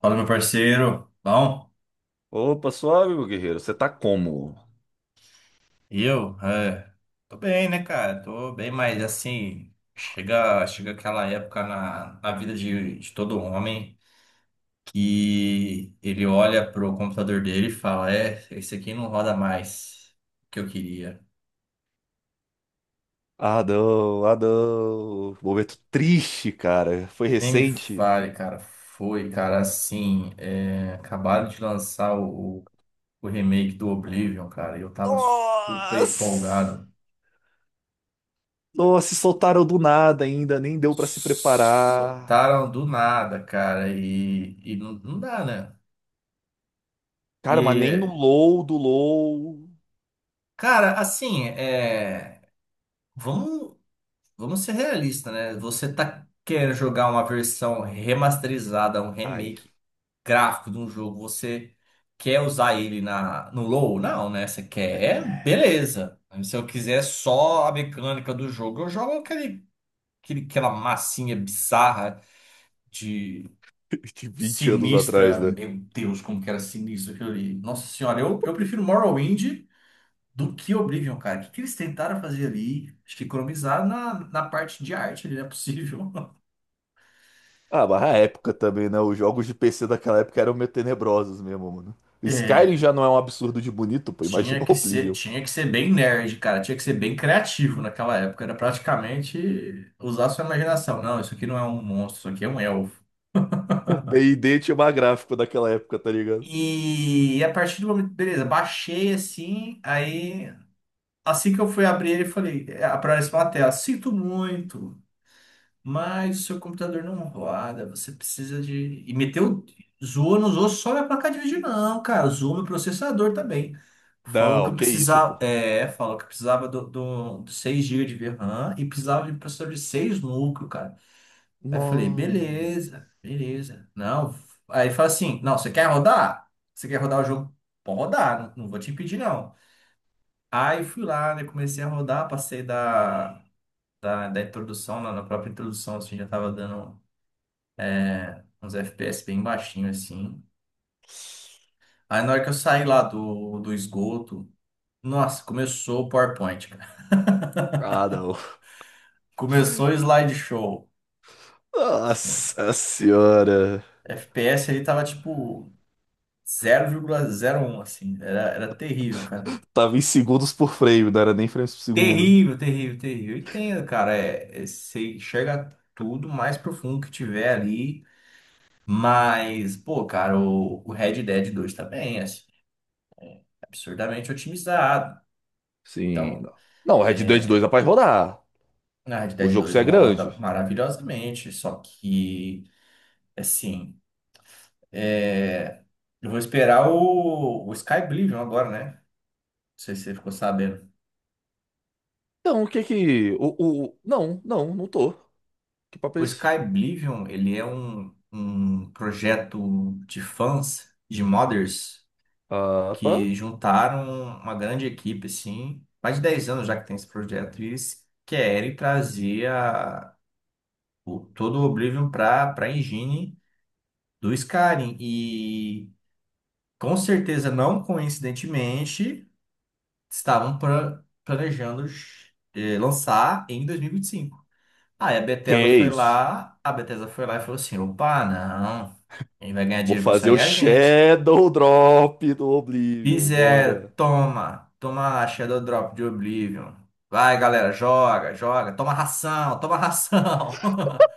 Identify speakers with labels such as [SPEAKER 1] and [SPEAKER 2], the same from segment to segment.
[SPEAKER 1] Fala, meu parceiro. Bom,
[SPEAKER 2] Opa, suave, meu guerreiro. Você tá como?
[SPEAKER 1] e eu? Tô bem, né, cara? Tô bem, mas assim, chega aquela época na vida de todo homem que ele olha pro computador dele e fala: esse aqui não roda mais o que eu queria.
[SPEAKER 2] Ah, não, ah, não. Momento triste, cara. Foi
[SPEAKER 1] Nem me
[SPEAKER 2] recente.
[SPEAKER 1] fale, cara. Foi, cara, assim, acabaram de lançar o remake do Oblivion, cara, e eu tava super
[SPEAKER 2] Nossa!
[SPEAKER 1] empolgado.
[SPEAKER 2] Nossa, se soltaram do nada ainda, nem deu pra se preparar.
[SPEAKER 1] Soltaram do nada, cara, e não dá, né?
[SPEAKER 2] Cara, mas nem no
[SPEAKER 1] E,
[SPEAKER 2] low do low.
[SPEAKER 1] cara, assim, vamos, vamos ser realistas, né? Você tá querendo jogar uma versão remasterizada, um
[SPEAKER 2] Ai,
[SPEAKER 1] remake gráfico de um jogo, você quer usar ele no low. Não, né? Você quer, beleza. Se eu quiser só a mecânica do jogo, eu jogo aquela massinha bizarra,
[SPEAKER 2] de 20 anos atrás,
[SPEAKER 1] sinistra,
[SPEAKER 2] né?
[SPEAKER 1] meu Deus, como que era sinistro aquilo ali. Nossa senhora, eu prefiro Morrowind do que Oblivion, cara. O que, que eles tentaram fazer ali? Acho que economizar na parte de arte ali, não é possível.
[SPEAKER 2] Ah, mas a época também, né? Os jogos de PC daquela época eram meio tenebrosos mesmo, mano. Skyrim
[SPEAKER 1] É,
[SPEAKER 2] já não é um absurdo de bonito, pô. Imagina o Oblivion.
[SPEAKER 1] tinha que ser bem nerd, cara. Tinha que ser bem criativo naquela época. Era praticamente usar a sua imaginação. Não, isso aqui não é um monstro, isso aqui é um elfo.
[SPEAKER 2] D&D tinha mais gráfico daquela época, tá ligado?
[SPEAKER 1] E a partir do momento, beleza, baixei assim, aí assim que eu fui abrir ele, eu falei, aparece uma tela, sinto muito, mas o seu computador não roda, você precisa de. E meteu. Zoou, não zoou só minha placa de vídeo, não, cara. Zoou meu processador também. Falou que
[SPEAKER 2] Não,
[SPEAKER 1] eu
[SPEAKER 2] que isso,
[SPEAKER 1] precisava.
[SPEAKER 2] pô.
[SPEAKER 1] Falou que eu precisava do 6 GB de RAM e precisava de um processador de 6 núcleos, cara. Aí eu falei,
[SPEAKER 2] Não.
[SPEAKER 1] beleza. Não. Aí ele fala assim: não, você quer rodar? Você quer rodar o jogo? Pode rodar, não vou te impedir, não. Aí fui lá, né? Comecei a rodar, passei da introdução, na própria introdução, assim, já tava dando uns FPS bem baixinho assim. Aí na hora que eu saí lá do esgoto, nossa, começou o PowerPoint, cara.
[SPEAKER 2] Ah, não.
[SPEAKER 1] Começou o slideshow. Sim.
[SPEAKER 2] Nossa senhora.
[SPEAKER 1] FPS ali tava tipo zero zero vírgula zero um, assim. Era terrível, cara.
[SPEAKER 2] Tava em segundos por frame, não era nem frames por segundo.
[SPEAKER 1] Terrível, terrível, terrível. Entendo, cara. Você enxerga tudo mais profundo que tiver ali. Mas, pô, cara, o Red Dead 2 tá bem, assim, absurdamente otimizado.
[SPEAKER 2] Sim,
[SPEAKER 1] Então.
[SPEAKER 2] não. Não, Red Dead 2 dá pra rodar.
[SPEAKER 1] Na Red
[SPEAKER 2] O
[SPEAKER 1] Dead
[SPEAKER 2] jogo
[SPEAKER 1] 2
[SPEAKER 2] só é grande.
[SPEAKER 1] roda maravilhosamente, só que, assim, é, eu vou esperar o Sky Oblivion agora, né? Não sei se você ficou sabendo.
[SPEAKER 2] Então, o que que. Não, não, não tô. Que papo é
[SPEAKER 1] O
[SPEAKER 2] esse?
[SPEAKER 1] Sky Oblivion, ele é um projeto de fãs, de modders,
[SPEAKER 2] Ah, pá.
[SPEAKER 1] que juntaram uma grande equipe, assim, mais de 10 anos já que tem esse projeto, e eles querem todo o Oblivion para a engine do Skyrim. E com certeza, não coincidentemente, estavam planejando lançar em 2025. Aí a
[SPEAKER 2] Que
[SPEAKER 1] Bethesda
[SPEAKER 2] é
[SPEAKER 1] foi
[SPEAKER 2] isso?
[SPEAKER 1] lá, a Bethesda foi lá e falou assim: opa, não, quem vai ganhar
[SPEAKER 2] Vou
[SPEAKER 1] dinheiro com isso
[SPEAKER 2] fazer
[SPEAKER 1] aí
[SPEAKER 2] o
[SPEAKER 1] é a gente.
[SPEAKER 2] Shadow Drop do Oblivion,
[SPEAKER 1] Fizeram,
[SPEAKER 2] bora.
[SPEAKER 1] toma, toma a Shadow Drop de Oblivion. Vai, galera, joga, joga, toma ração, toma ração.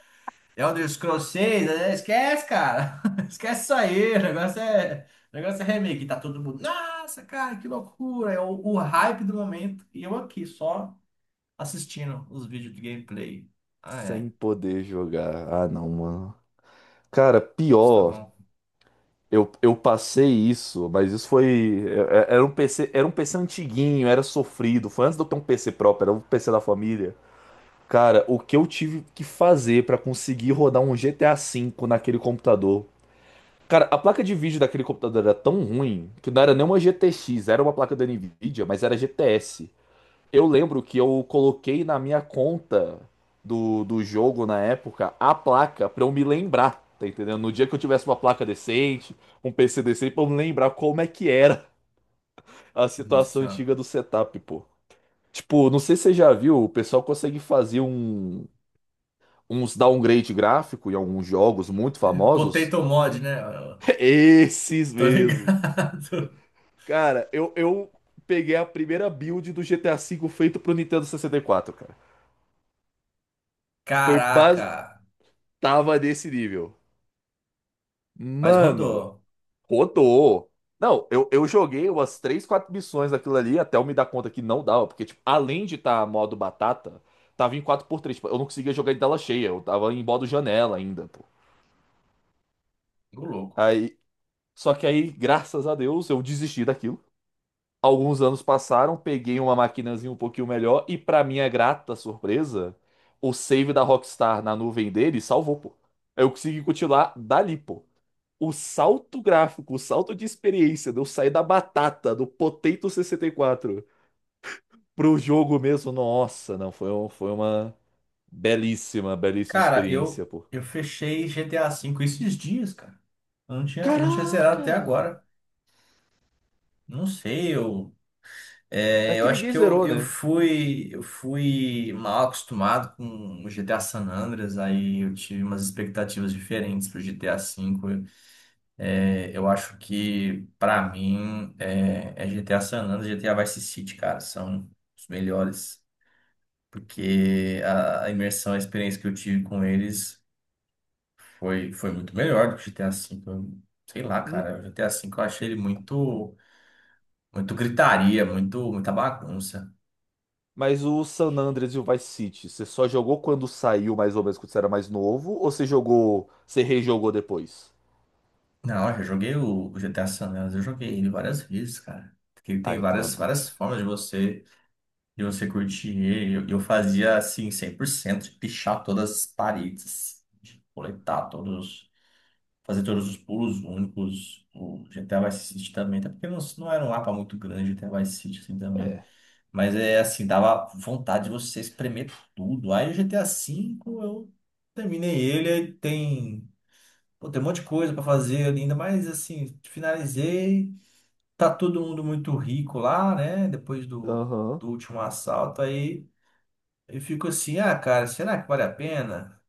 [SPEAKER 1] É Elder Scrolls 6, né? Esquece, cara. Esquece isso aí. O negócio é remake. Tá todo mundo. Nossa, cara, que loucura. É o hype do momento. E eu aqui, só assistindo os vídeos de gameplay. Ai, ai.
[SPEAKER 2] Sem poder jogar. Ah, não, mano. Cara,
[SPEAKER 1] Isso tá
[SPEAKER 2] pior.
[SPEAKER 1] bom.
[SPEAKER 2] Eu passei isso, mas isso foi. Era um PC, era um PC antiguinho, era sofrido. Foi antes de eu ter um PC próprio, era um PC da família. Cara, o que eu tive que fazer pra conseguir rodar um GTA V naquele computador? Cara, a placa de vídeo daquele computador era tão ruim que não era nem uma GTX, era uma placa da Nvidia, mas era GTS. Eu lembro que eu coloquei na minha conta do jogo na época a placa pra eu me lembrar, tá entendendo? No dia que eu tivesse uma placa decente, um PC decente, pra eu me lembrar como é que era a
[SPEAKER 1] Nossa
[SPEAKER 2] situação
[SPEAKER 1] Senhora.
[SPEAKER 2] antiga do setup, pô. Tipo, não sei se você já viu, o pessoal consegue fazer uns downgrade gráfico em alguns jogos muito famosos.
[SPEAKER 1] Potato Mod, né? Eu
[SPEAKER 2] Esses
[SPEAKER 1] tô
[SPEAKER 2] mesmo.
[SPEAKER 1] ligado.
[SPEAKER 2] Cara, eu peguei a primeira build do GTA V feito pro Nintendo 64, cara. Foi base...
[SPEAKER 1] Caraca.
[SPEAKER 2] Tava desse nível.
[SPEAKER 1] Mas
[SPEAKER 2] Mano,
[SPEAKER 1] rodou.
[SPEAKER 2] rodou. Não, eu joguei umas três, quatro missões daquilo ali até eu me dar conta que não dava, porque, tipo, além de estar modo batata, tava em 4:3. Tipo, eu não conseguia jogar de tela cheia, eu tava em modo janela ainda, pô.
[SPEAKER 1] Tô louco.
[SPEAKER 2] Aí, só que aí, graças a Deus, eu desisti daquilo. Alguns anos passaram, peguei uma maquinazinha um pouquinho melhor e, pra minha grata surpresa, o save da Rockstar na nuvem dele salvou, pô. Eu consegui continuar dali, pô. O salto gráfico, o salto de experiência de eu sair da batata, do Potato 64, pro jogo mesmo, nossa, não, foi, foi uma belíssima, belíssima
[SPEAKER 1] Cara,
[SPEAKER 2] experiência, pô.
[SPEAKER 1] eu fechei GTA V esses dias, cara. Eu não tinha zerado
[SPEAKER 2] Caraca!
[SPEAKER 1] até agora. Não sei, eu.
[SPEAKER 2] É
[SPEAKER 1] É,
[SPEAKER 2] que
[SPEAKER 1] eu acho
[SPEAKER 2] ninguém
[SPEAKER 1] que
[SPEAKER 2] zerou, né?
[SPEAKER 1] eu fui mal acostumado com o GTA San Andreas, aí eu tive umas expectativas diferentes pro GTA V. É, eu acho que pra mim é GTA San Andreas, e GTA Vice City, cara, são os melhores, porque a imersão, a experiência que eu tive com eles foi muito melhor do que o GTA V. Eu- sei lá,
[SPEAKER 2] Hum,
[SPEAKER 1] cara, o GTA V eu achei ele muito muito muita bagunça.
[SPEAKER 2] Mas o San Andreas e o Vice City, você só jogou quando saiu, mais ou menos, quando você era mais novo? Ou você jogou, você rejogou depois?
[SPEAKER 1] Não, eu já joguei o GTA San Andreas, eu joguei ele várias vezes, cara. Porque ele tem
[SPEAKER 2] Ah, então ah, não.
[SPEAKER 1] várias formas de você curtir ele. Eu fazia assim, 100% de pichar todas as paredes, de coletar todos, fazer todos os pulos únicos. O GTA Vice City também, até porque não era um mapa muito grande, o GTA Vice City assim também.
[SPEAKER 2] É.
[SPEAKER 1] Mas é assim, dava vontade de você espremer tudo. Aí o GTA V eu terminei ele, aí tem. Pô, tem um monte de coisa para fazer ainda, mas assim, finalizei. Tá todo mundo muito rico lá, né? Depois
[SPEAKER 2] Aham.
[SPEAKER 1] do último assalto, aí eu fico assim, ah, cara, será que vale a pena?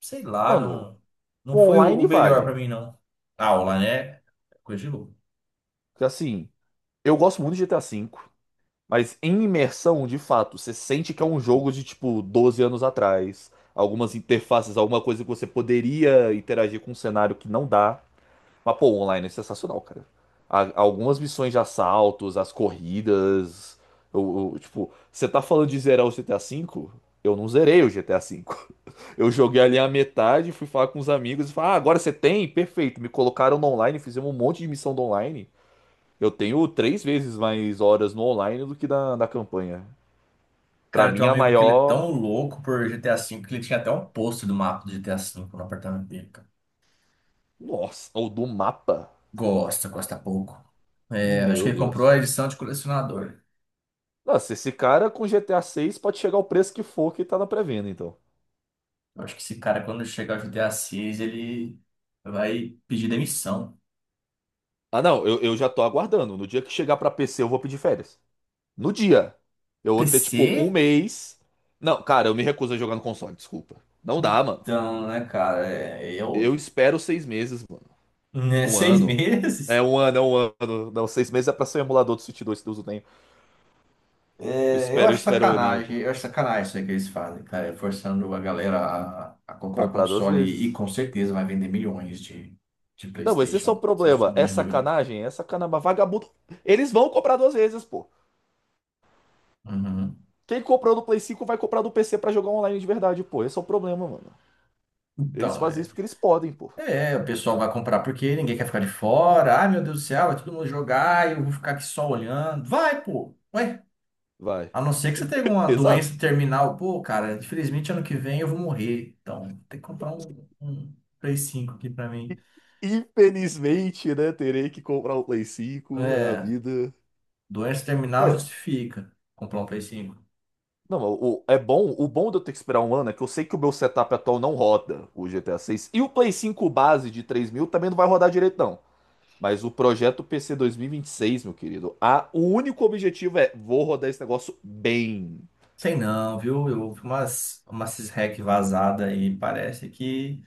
[SPEAKER 1] Sei lá,
[SPEAKER 2] Mano,
[SPEAKER 1] não, não
[SPEAKER 2] o
[SPEAKER 1] foi o
[SPEAKER 2] online
[SPEAKER 1] melhor para
[SPEAKER 2] vale.
[SPEAKER 1] mim, não. Aula, né? Coisa de louco.
[SPEAKER 2] Porque, assim, eu gosto muito de GTA V. Mas em imersão, de fato, você sente que é um jogo de tipo 12 anos atrás. Algumas interfaces, alguma coisa que você poderia interagir com um cenário que não dá. Mas, pô, o online é sensacional, cara. Algumas missões de assaltos, as corridas. Tipo, você tá falando de zerar o GTA V? Eu não zerei o GTA V. Eu joguei ali a metade, fui falar com os amigos e falei, ah, agora você tem? Perfeito. Me colocaram no online, fizemos um monte de missão do online. Eu tenho três vezes mais horas no online do que na campanha. Pra
[SPEAKER 1] Cara, tem
[SPEAKER 2] mim,
[SPEAKER 1] um
[SPEAKER 2] a
[SPEAKER 1] amigo que ele é
[SPEAKER 2] maior.
[SPEAKER 1] tão louco por GTA V que ele tinha até um pôster do mapa do GTA V no apartamento dele, cara.
[SPEAKER 2] Nossa, ou do mapa.
[SPEAKER 1] Gosta, gosta pouco. É, acho que
[SPEAKER 2] Meu
[SPEAKER 1] ele comprou
[SPEAKER 2] Deus.
[SPEAKER 1] a edição de colecionador.
[SPEAKER 2] Nossa, esse cara com GTA 6 pode chegar ao preço que for que tá na pré-venda, então.
[SPEAKER 1] Eu acho que esse cara, quando chegar ao José Assis, ele vai pedir demissão.
[SPEAKER 2] Ah, não, eu já tô aguardando. No dia que chegar pra PC, eu vou pedir férias. No dia. Eu vou ter, tipo, um
[SPEAKER 1] PC?
[SPEAKER 2] mês. Não, cara, eu me recuso a jogar no console, desculpa. Não dá, mano.
[SPEAKER 1] Então, né, cara?
[SPEAKER 2] Eu
[SPEAKER 1] Eu,
[SPEAKER 2] espero 6 meses, mano.
[SPEAKER 1] né,
[SPEAKER 2] Um
[SPEAKER 1] seis
[SPEAKER 2] ano. É,
[SPEAKER 1] meses?
[SPEAKER 2] um ano, é um ano. Não, seis meses é pra ser um emulador do Switch 2 que Deus o tenha. Eu
[SPEAKER 1] É, eu
[SPEAKER 2] espero, eu
[SPEAKER 1] acho
[SPEAKER 2] espero o Oninho, pô.
[SPEAKER 1] sacanagem. Eu acho sacanagem isso aí que eles fazem, cara. Forçando a galera a comprar
[SPEAKER 2] Comprar duas
[SPEAKER 1] console e,
[SPEAKER 2] vezes.
[SPEAKER 1] com certeza vai vender milhões de
[SPEAKER 2] Não, mas esse é só o
[SPEAKER 1] PlayStation, sem
[SPEAKER 2] problema.
[SPEAKER 1] sombra
[SPEAKER 2] É
[SPEAKER 1] de dúvida.
[SPEAKER 2] sacanagem, é sacanagem. Mas Vagabundo. Eles vão comprar duas vezes, pô.
[SPEAKER 1] Uhum.
[SPEAKER 2] Quem comprou do Play 5 vai comprar no PC pra jogar online de verdade, pô. Esse é o problema, mano. Eles
[SPEAKER 1] Então,
[SPEAKER 2] fazem isso porque eles podem, pô.
[SPEAKER 1] o pessoal vai comprar porque ninguém quer ficar de fora. Ai, meu Deus do céu, vai todo mundo jogar e eu vou ficar aqui só olhando. Vai, pô! Ué,
[SPEAKER 2] Vai.
[SPEAKER 1] a não ser que você tenha uma
[SPEAKER 2] Exato.
[SPEAKER 1] doença terminal, pô, cara, infelizmente ano que vem eu vou morrer. Então, tem que comprar um Play 5 aqui pra mim.
[SPEAKER 2] E, infelizmente, né? Terei que comprar o Play 5. É a
[SPEAKER 1] É,
[SPEAKER 2] vida.
[SPEAKER 1] doença terminal
[SPEAKER 2] Não,
[SPEAKER 1] justifica comprar um Play 5.
[SPEAKER 2] não, o, é bom. O bom de eu ter que esperar um ano é que eu sei que o meu setup atual não roda o GTA 6. E o Play 5 base de 3 mil também não vai rodar direito, não. Mas o projeto PC 2026, meu querido, a, o único objetivo é vou rodar esse negócio bem.
[SPEAKER 1] Sei não, viu? Eu ouvi umas hack vazada aí, parece que.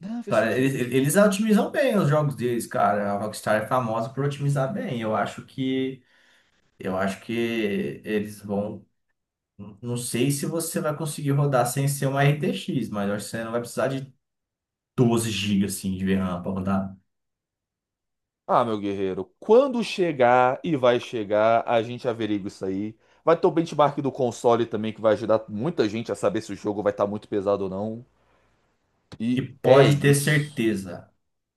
[SPEAKER 2] Não, versão
[SPEAKER 1] Cara,
[SPEAKER 2] de.
[SPEAKER 1] Eles otimizam bem os jogos deles, cara. A Rockstar é famosa por otimizar bem. Eu acho que. Eu acho que eles vão. Não sei se você vai conseguir rodar sem ser uma RTX, mas eu acho que você não vai precisar de 12 GB assim, de RAM para rodar.
[SPEAKER 2] Ah, meu guerreiro, quando chegar e vai chegar, a gente averigua isso aí. Vai ter o benchmark do console também, que vai ajudar muita gente a saber se o jogo vai estar muito pesado ou não.
[SPEAKER 1] E
[SPEAKER 2] E é isso.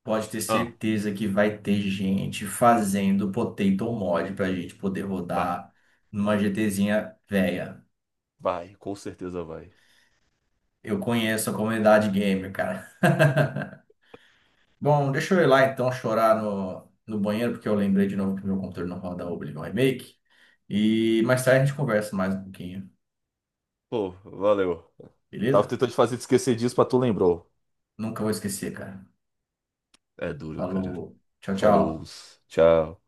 [SPEAKER 1] pode ter
[SPEAKER 2] Ah,
[SPEAKER 1] certeza que vai ter gente fazendo potato mod para a gente poder
[SPEAKER 2] vai,
[SPEAKER 1] rodar numa
[SPEAKER 2] vai,
[SPEAKER 1] GTzinha velha.
[SPEAKER 2] vai, com certeza vai.
[SPEAKER 1] Eu conheço a comunidade gamer, cara. Bom, deixa eu ir lá então chorar no banheiro, porque eu lembrei de novo que meu computador não roda Oblivion Remake. E mais tarde a gente conversa mais um pouquinho,
[SPEAKER 2] Pô, valeu. Tava
[SPEAKER 1] beleza?
[SPEAKER 2] tentando te fazer te esquecer disso, mas tu lembrou.
[SPEAKER 1] Nunca vou esquecer, cara.
[SPEAKER 2] É duro, cara.
[SPEAKER 1] Falou, tchau,
[SPEAKER 2] Falou,
[SPEAKER 1] tchau.
[SPEAKER 2] tchau.